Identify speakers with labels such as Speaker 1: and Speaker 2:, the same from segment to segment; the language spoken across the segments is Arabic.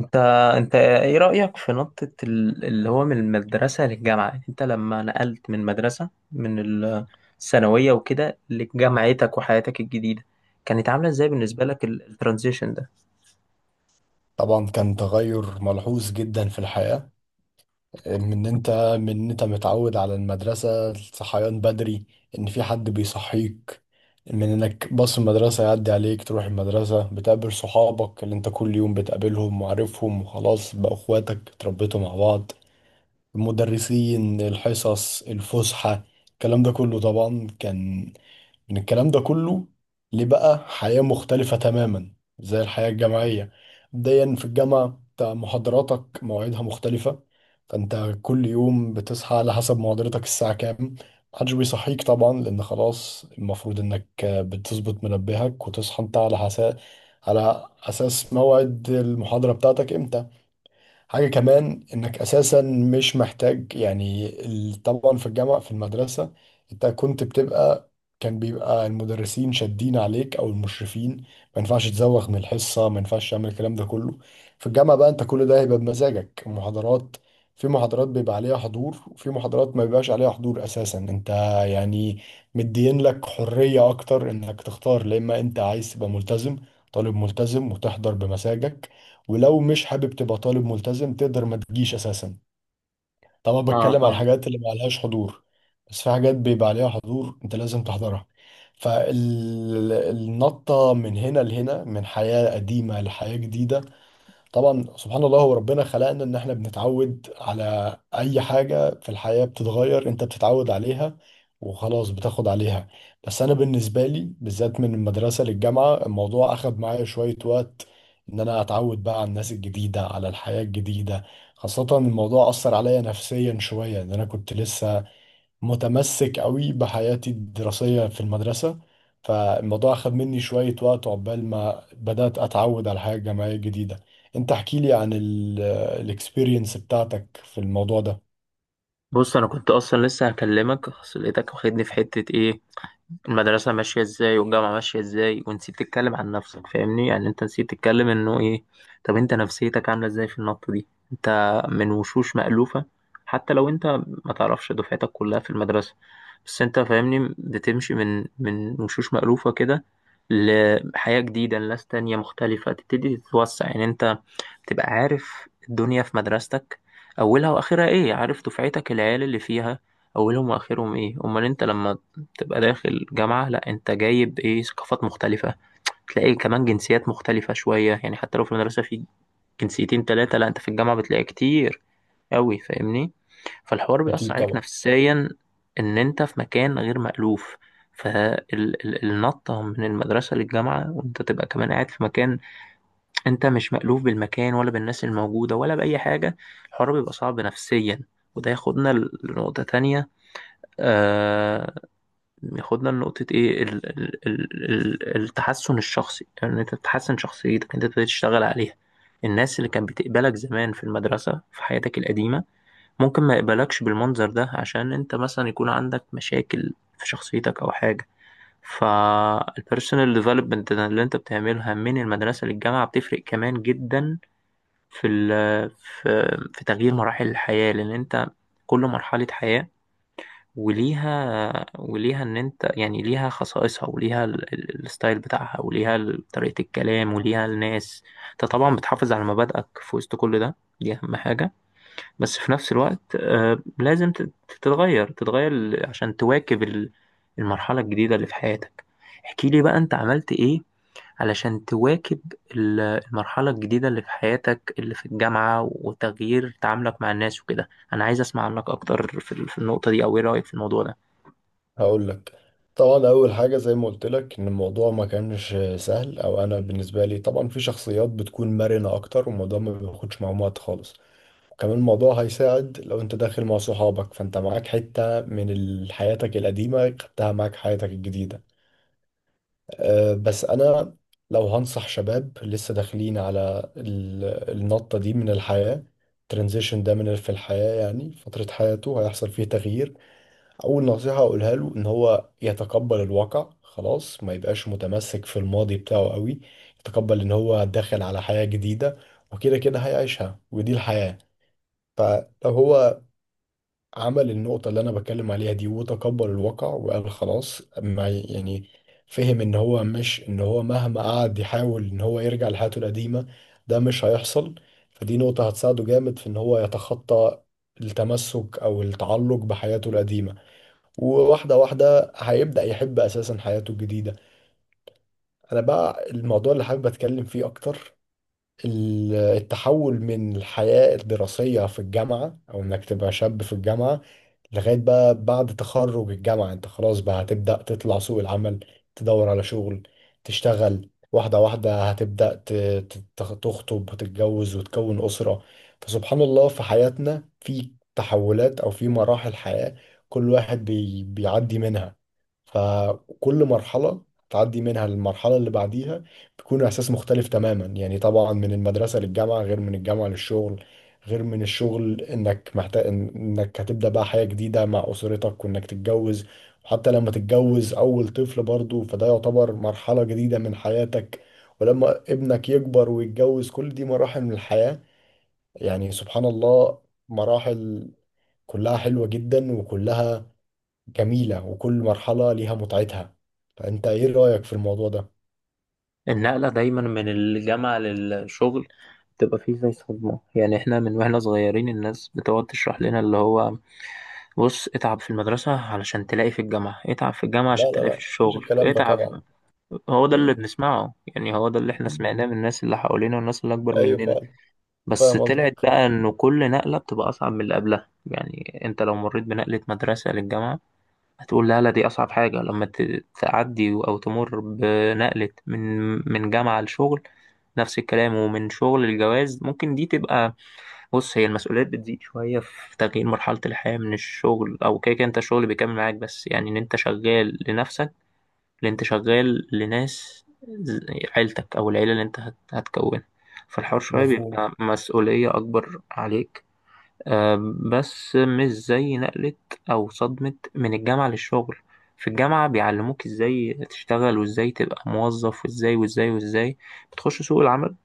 Speaker 1: انت انت ايه رأيك في نقطة اللي هو من المدرسة للجامعة؟ يعني انت لما نقلت من مدرسة من الثانوية وكده لجامعتك وحياتك الجديدة، كانت عاملة ازاي بالنسبة لك الترانزيشن ده؟
Speaker 2: طبعا كان تغير ملحوظ جدا في الحياة. من إن انت من إن انت متعود على المدرسة، الصحيان بدري، ان في حد بيصحيك، من انك باص المدرسة يعدي عليك تروح المدرسة، بتقابل صحابك اللي انت كل يوم بتقابلهم وعارفهم، وخلاص بقى اخواتك اتربيتوا مع بعض، المدرسين، الحصص، الفسحة، الكلام ده كله طبعا كان من الكلام ده كله لبقى حياة مختلفة تماما زي الحياة الجامعية. مبدئيا في الجامعة انت محاضراتك مواعيدها مختلفة، فانت كل يوم بتصحى على حسب محاضرتك الساعة كام. محدش بيصحيك طبعا، لأن خلاص المفروض إنك بتظبط منبهك وتصحى انت على أساس موعد المحاضرة بتاعتك امتى. حاجة كمان انك اساسا مش محتاج، يعني طبعا في الجامعة، في المدرسة انت كنت بتبقى كان بيبقى المدرسين شادين عليك او المشرفين، ما ينفعش تزوغ من الحصة، ما ينفعش تعمل الكلام ده كله. في الجامعة بقى انت كل ده هيبقى بمزاجك. المحاضرات، في محاضرات بيبقى عليها حضور وفي محاضرات ما بيبقاش عليها حضور اساسا، انت يعني مدين لك حرية اكتر انك تختار، لا اما انت عايز تبقى ملتزم طالب ملتزم وتحضر بمزاجك، ولو مش حابب تبقى طالب ملتزم تقدر ما تجيش اساسا. طبعا
Speaker 1: اه،
Speaker 2: بتكلم على
Speaker 1: فاهمك.
Speaker 2: الحاجات اللي ما عليهاش حضور، بس في حاجات بيبقى عليها حضور انت لازم تحضرها. فالنطة من هنا لهنا، من حياة قديمة لحياة جديدة. طبعا سبحان الله هو ربنا خلقنا ان احنا بنتعود على اي حاجة في الحياة بتتغير، انت بتتعود عليها وخلاص بتاخد عليها. بس انا بالنسبة لي بالذات من المدرسة للجامعة الموضوع اخد معايا شوية وقت ان انا اتعود بقى على الناس الجديدة، على الحياة الجديدة. خاصة الموضوع اثر عليا نفسيا شوية ان انا كنت لسه متمسك قوي بحياتي الدراسية في المدرسة. فالموضوع أخذ مني شوية وقت عقبال ما بدأت أتعود على الحياة الجامعية الجديدة. أنت احكي لي عن الاكسبيرينس بتاعتك في الموضوع ده.
Speaker 1: بص، انا كنت اصلا لسه هكلمك، اصل لقيتك واخدني في حتة ايه؟ المدرسة ماشية ازاي والجامعة ماشية ازاي، ونسيت تتكلم عن نفسك، فاهمني؟ يعني انت نسيت تتكلم انه ايه. طب انت نفسيتك عاملة ازاي في النقطة دي؟ انت من وشوش مألوفة، حتى لو انت ما تعرفش دفعتك كلها في المدرسة، بس انت فاهمني، بتمشي من وشوش مألوفة كده لحياة جديدة، لناس تانية مختلفة، تبتدي تتوسع. يعني انت تبقى عارف الدنيا في مدرستك، أولها وآخرها إيه، عارف دفعتك العيال اللي فيها أولهم وآخرهم إيه. أمال أنت لما تبقى داخل جامعة، لأ، أنت جايب إيه، ثقافات مختلفة، تلاقي كمان جنسيات مختلفة شوية. يعني حتى لو في المدرسة في جنسيتين تلاتة، لأ، أنت في الجامعة بتلاقي كتير أوي، فاهمني. فالحوار بيأثر
Speaker 2: أكيد
Speaker 1: عليك
Speaker 2: طبعا.
Speaker 1: نفسيا، إن أنت في مكان غير مألوف. فالنطة من المدرسة للجامعة، وأنت تبقى كمان قاعد في مكان انت مش مألوف بالمكان ولا بالناس الموجودة ولا بأي حاجة، الحوار بيبقى صعب نفسيا. وده ياخدنا لنقطة تانية. آه، ياخدنا لنقطة ايه، ال ال ال ال التحسن الشخصي. ان يعني انت تحسن شخصيتك، انت تبتدي تشتغل عليها. الناس اللي كانت بتقبلك زمان في المدرسة في حياتك القديمة ممكن ما يقبلكش بالمنظر ده، عشان انت مثلا يكون عندك مشاكل في شخصيتك او حاجة. فالبيرسونال ديفلوبمنت اللي انت بتعملها من المدرسة للجامعة بتفرق كمان جدا في ال في في تغيير مراحل الحياة. لأن أنت كل مرحلة حياة وليها وليها، إن أنت يعني ليها خصائصها وليها الستايل بتاعها وليها طريقة الكلام وليها الناس. أنت طبعا بتحافظ على مبادئك في وسط كل ده، دي أهم حاجة. بس في نفس الوقت، آه، لازم تتغير عشان تواكب المرحلة الجديدة اللي في حياتك. احكي لي بقى أنت عملت إيه علشان تواكب المرحلة الجديدة اللي في حياتك، اللي في الجامعة، وتغيير تعاملك مع الناس وكده. أنا عايز أسمع عنك أكتر في في النقطة دي، أو إيه رأيك في الموضوع ده؟
Speaker 2: هقول لك، طبعا أول حاجة زي ما قلت لك إن الموضوع ما كانش سهل، أو أنا بالنسبة لي طبعا في شخصيات بتكون مرنة أكتر والموضوع ما بياخدش معاهم وقت خالص، وكمان الموضوع هيساعد لو انت داخل مع صحابك، فانت معاك حتة من حياتك القديمة خدتها معاك حياتك الجديدة. أه بس انا، لو هنصح شباب لسه داخلين على النطة دي من الحياة، الترانزيشن ده من في الحياة يعني فترة حياته هيحصل فيه تغيير، اول نصيحة اقولها له ان هو يتقبل الواقع خلاص، ما يبقاش متمسك في الماضي بتاعه قوي، يتقبل ان هو داخل على حياة جديدة وكده كده هيعيشها ودي الحياة. فلو هو عمل النقطة اللي أنا بتكلم عليها دي وتقبل الواقع وقال خلاص، ما يعني فهم إن هو مش، إن هو مهما قعد يحاول إن هو يرجع لحياته القديمة ده مش هيحصل، فدي نقطة هتساعده جامد في إن هو يتخطى التمسك أو التعلق بحياته القديمة، وواحدة واحدة هيبدأ يحب أساسا حياته الجديدة. أنا بقى الموضوع اللي حابب أتكلم فيه أكتر، التحول من الحياة الدراسية في الجامعة، أو إنك تبقى شاب في الجامعة لغاية بقى بعد تخرج الجامعة، أنت خلاص بقى هتبدأ تطلع سوق العمل، تدور على شغل، تشتغل، واحدة واحدة هتبدأ تخطب وتتجوز وتكون أسرة. فسبحان الله في حياتنا في تحولات أو في مراحل حياة كل واحد بيعدي منها. فكل مرحلة تعدي منها للمرحلة اللي بعديها بيكون احساس مختلف تماما، يعني طبعا من المدرسه للجامعه غير من الجامعه للشغل، غير من الشغل انك محتاج انك هتبدا بقى حياه جديده مع اسرتك وانك تتجوز. وحتى لما تتجوز اول طفل برضه فده يعتبر مرحله جديده من حياتك، ولما ابنك يكبر ويتجوز كل دي مراحل من الحياه. يعني سبحان الله، مراحل كلها حلوه جدا، وكلها جميله، وكل مرحله ليها متعتها. فانت ايه رايك في الموضوع ده؟
Speaker 1: النقلة دايما من الجامعة للشغل بتبقى فيه زي صدمة. يعني إحنا من وإحنا صغيرين الناس بتقعد تشرح لنا اللي هو، بص، اتعب في المدرسة علشان تلاقي في الجامعة، اتعب في الجامعة
Speaker 2: لا
Speaker 1: عشان
Speaker 2: لا
Speaker 1: تلاقي في
Speaker 2: لا، مفيش
Speaker 1: الشغل،
Speaker 2: الكلام ده
Speaker 1: اتعب.
Speaker 2: طبعا.
Speaker 1: هو ده اللي
Speaker 2: مم.
Speaker 1: بنسمعه، يعني هو ده اللي إحنا سمعناه من الناس اللي حوالينا والناس اللي أكبر
Speaker 2: ايوه
Speaker 1: مننا.
Speaker 2: فعلا.
Speaker 1: بس
Speaker 2: فاهم
Speaker 1: طلعت
Speaker 2: قصدك.
Speaker 1: بقى انه كل نقلة بتبقى اصعب من اللي قبلها. يعني انت لو مريت بنقلة مدرسة للجامعة هتقول لا لا دي اصعب حاجة، لما تعدي او تمر بنقلة من من جامعة لشغل نفس الكلام، ومن شغل الجواز ممكن دي تبقى، بص، هي المسؤوليات بتزيد شوية في تغيير مرحلة الحياة من الشغل. او كده كده انت الشغل بيكمل معاك، بس يعني ان انت شغال لنفسك، اللي انت شغال لناس عيلتك او العيله اللي انت هتكونها. فالحوار شويه
Speaker 2: مفهوم.
Speaker 1: بيبقى مسؤوليه اكبر عليك. آه، بس مش زي نقله او صدمه من الجامعه للشغل. في الجامعه بيعلموك ازاي تشتغل وازاي تبقى موظف وازاي وازاي وازاي، بتخش سوق العمل،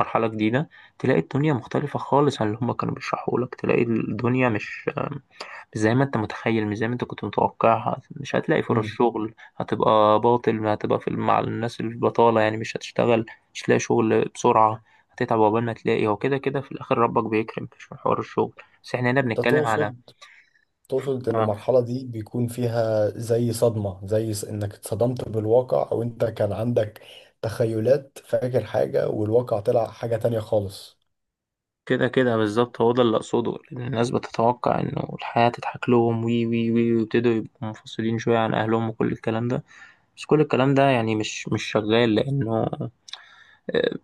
Speaker 1: مرحله جديده، تلاقي الدنيا مختلفه خالص عن اللي هما كانوا بيشرحوا لك. تلاقي الدنيا مش زي ما انت متخيل، مش زي ما انت كنت متوقعها، مش هتلاقي فرص
Speaker 2: امم
Speaker 1: شغل، هتبقى باطل، هتبقى في مع الناس البطالة، يعني مش هتشتغل، مش هتلاقي شغل بسرعة، هتتعب عقبال ما تلاقي. هو كده كده في الآخر ربك بيكرم، مش من حوار الشغل. بس احنا هنا
Speaker 2: انت
Speaker 1: بنتكلم على،
Speaker 2: تقصد، تقصد ان
Speaker 1: اه،
Speaker 2: المرحله دي بيكون فيها زي صدمه، زي انك اتصدمت بالواقع، او انت كان عندك تخيلات، فاكر حاجه والواقع طلع حاجه تانية خالص.
Speaker 1: كده كده بالظبط، هو ده اللي أقصده. لأن الناس بتتوقع إنه الحياة تضحك لهم، وي وي وي، ويبتدوا يبقوا منفصلين شوية عن أهلهم وكل الكلام ده. بس كل الكلام ده يعني مش شغال، لأنه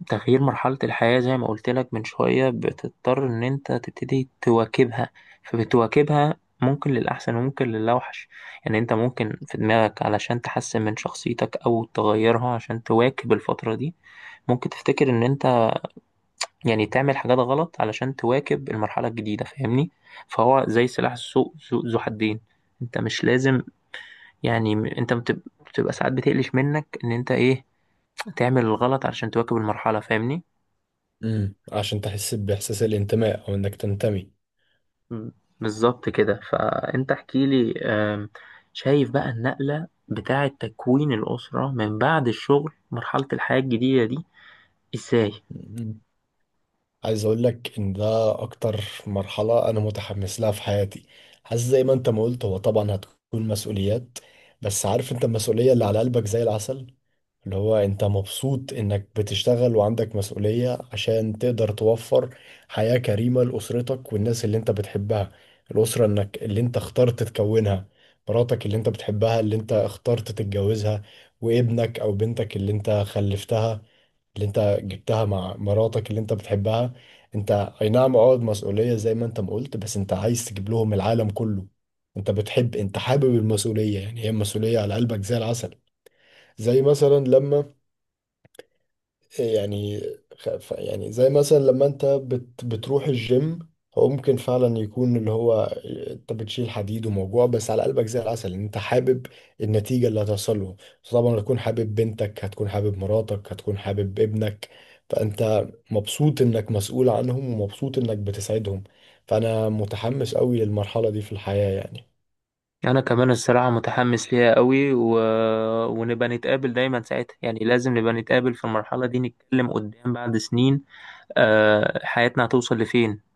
Speaker 1: تغيير مرحلة الحياة زي ما قلت لك من شوية، بتضطر إن أنت تبتدي تواكبها. فبتواكبها ممكن للأحسن وممكن للأوحش. يعني أنت ممكن في دماغك علشان تحسن من شخصيتك أو تغيرها عشان تواكب الفترة دي، ممكن تفتكر إن أنت يعني تعمل حاجات غلط علشان تواكب المرحلة الجديدة، فاهمني. فهو زي سلاح ذو حدين. أنت مش لازم، يعني، أنت بتبقى ساعات بتقلش منك إن أنت إيه، تعمل الغلط علشان تواكب المرحلة، فاهمني.
Speaker 2: عشان تحس باحساس الانتماء او انك تنتمي.
Speaker 1: مم. بالظبط كده. فأنت احكي لي، شايف بقى النقلة بتاعة تكوين الأسرة من بعد الشغل، مرحلة الحياة الجديدة دي، إزاي؟
Speaker 2: مم. عايز اقول لك ان ده اكتر مرحلة انا متحمس لها في حياتي. حاسس زي ما انت ما قلت، هو طبعا هتكون مسؤوليات، بس عارف انت المسؤولية اللي على قلبك زي العسل، اللي هو انت مبسوط انك بتشتغل وعندك مسؤولية عشان تقدر توفر حياة كريمة لأسرتك والناس اللي انت بتحبها. الأسرة انك اللي انت اخترت تكونها، مراتك اللي انت بتحبها اللي انت اخترت تتجوزها، وابنك او بنتك اللي انت خلفتها اللي انت جبتها مع مراتك اللي انت بتحبها. انت اي نعم عقد مسؤولية زي ما انت ما قلت، بس انت عايز تجيب لهم العالم كله، انت بتحب، انت حابب المسؤولية يعني، هي المسؤولية على قلبك زي العسل. زي مثلا لما، يعني يعني زي مثلا لما انت بتروح الجيم، هو ممكن فعلا يكون اللي هو انت بتشيل حديد وموجوع، بس على قلبك زي العسل ان انت حابب النتيجة اللي هتوصل له. طبعا هتكون حابب بنتك، هتكون حابب مراتك، هتكون حابب ابنك، فانت مبسوط انك مسؤول عنهم ومبسوط انك بتسعدهم، فانا متحمس قوي للمرحلة دي في الحياة يعني.
Speaker 1: أنا كمان الصراحة متحمس ليها قوي. ونبقى نتقابل دايما ساعتها، يعني لازم نبقى نتقابل في المرحلة دي، نتكلم قدام بعد سنين. آه، حياتنا هتوصل لفين.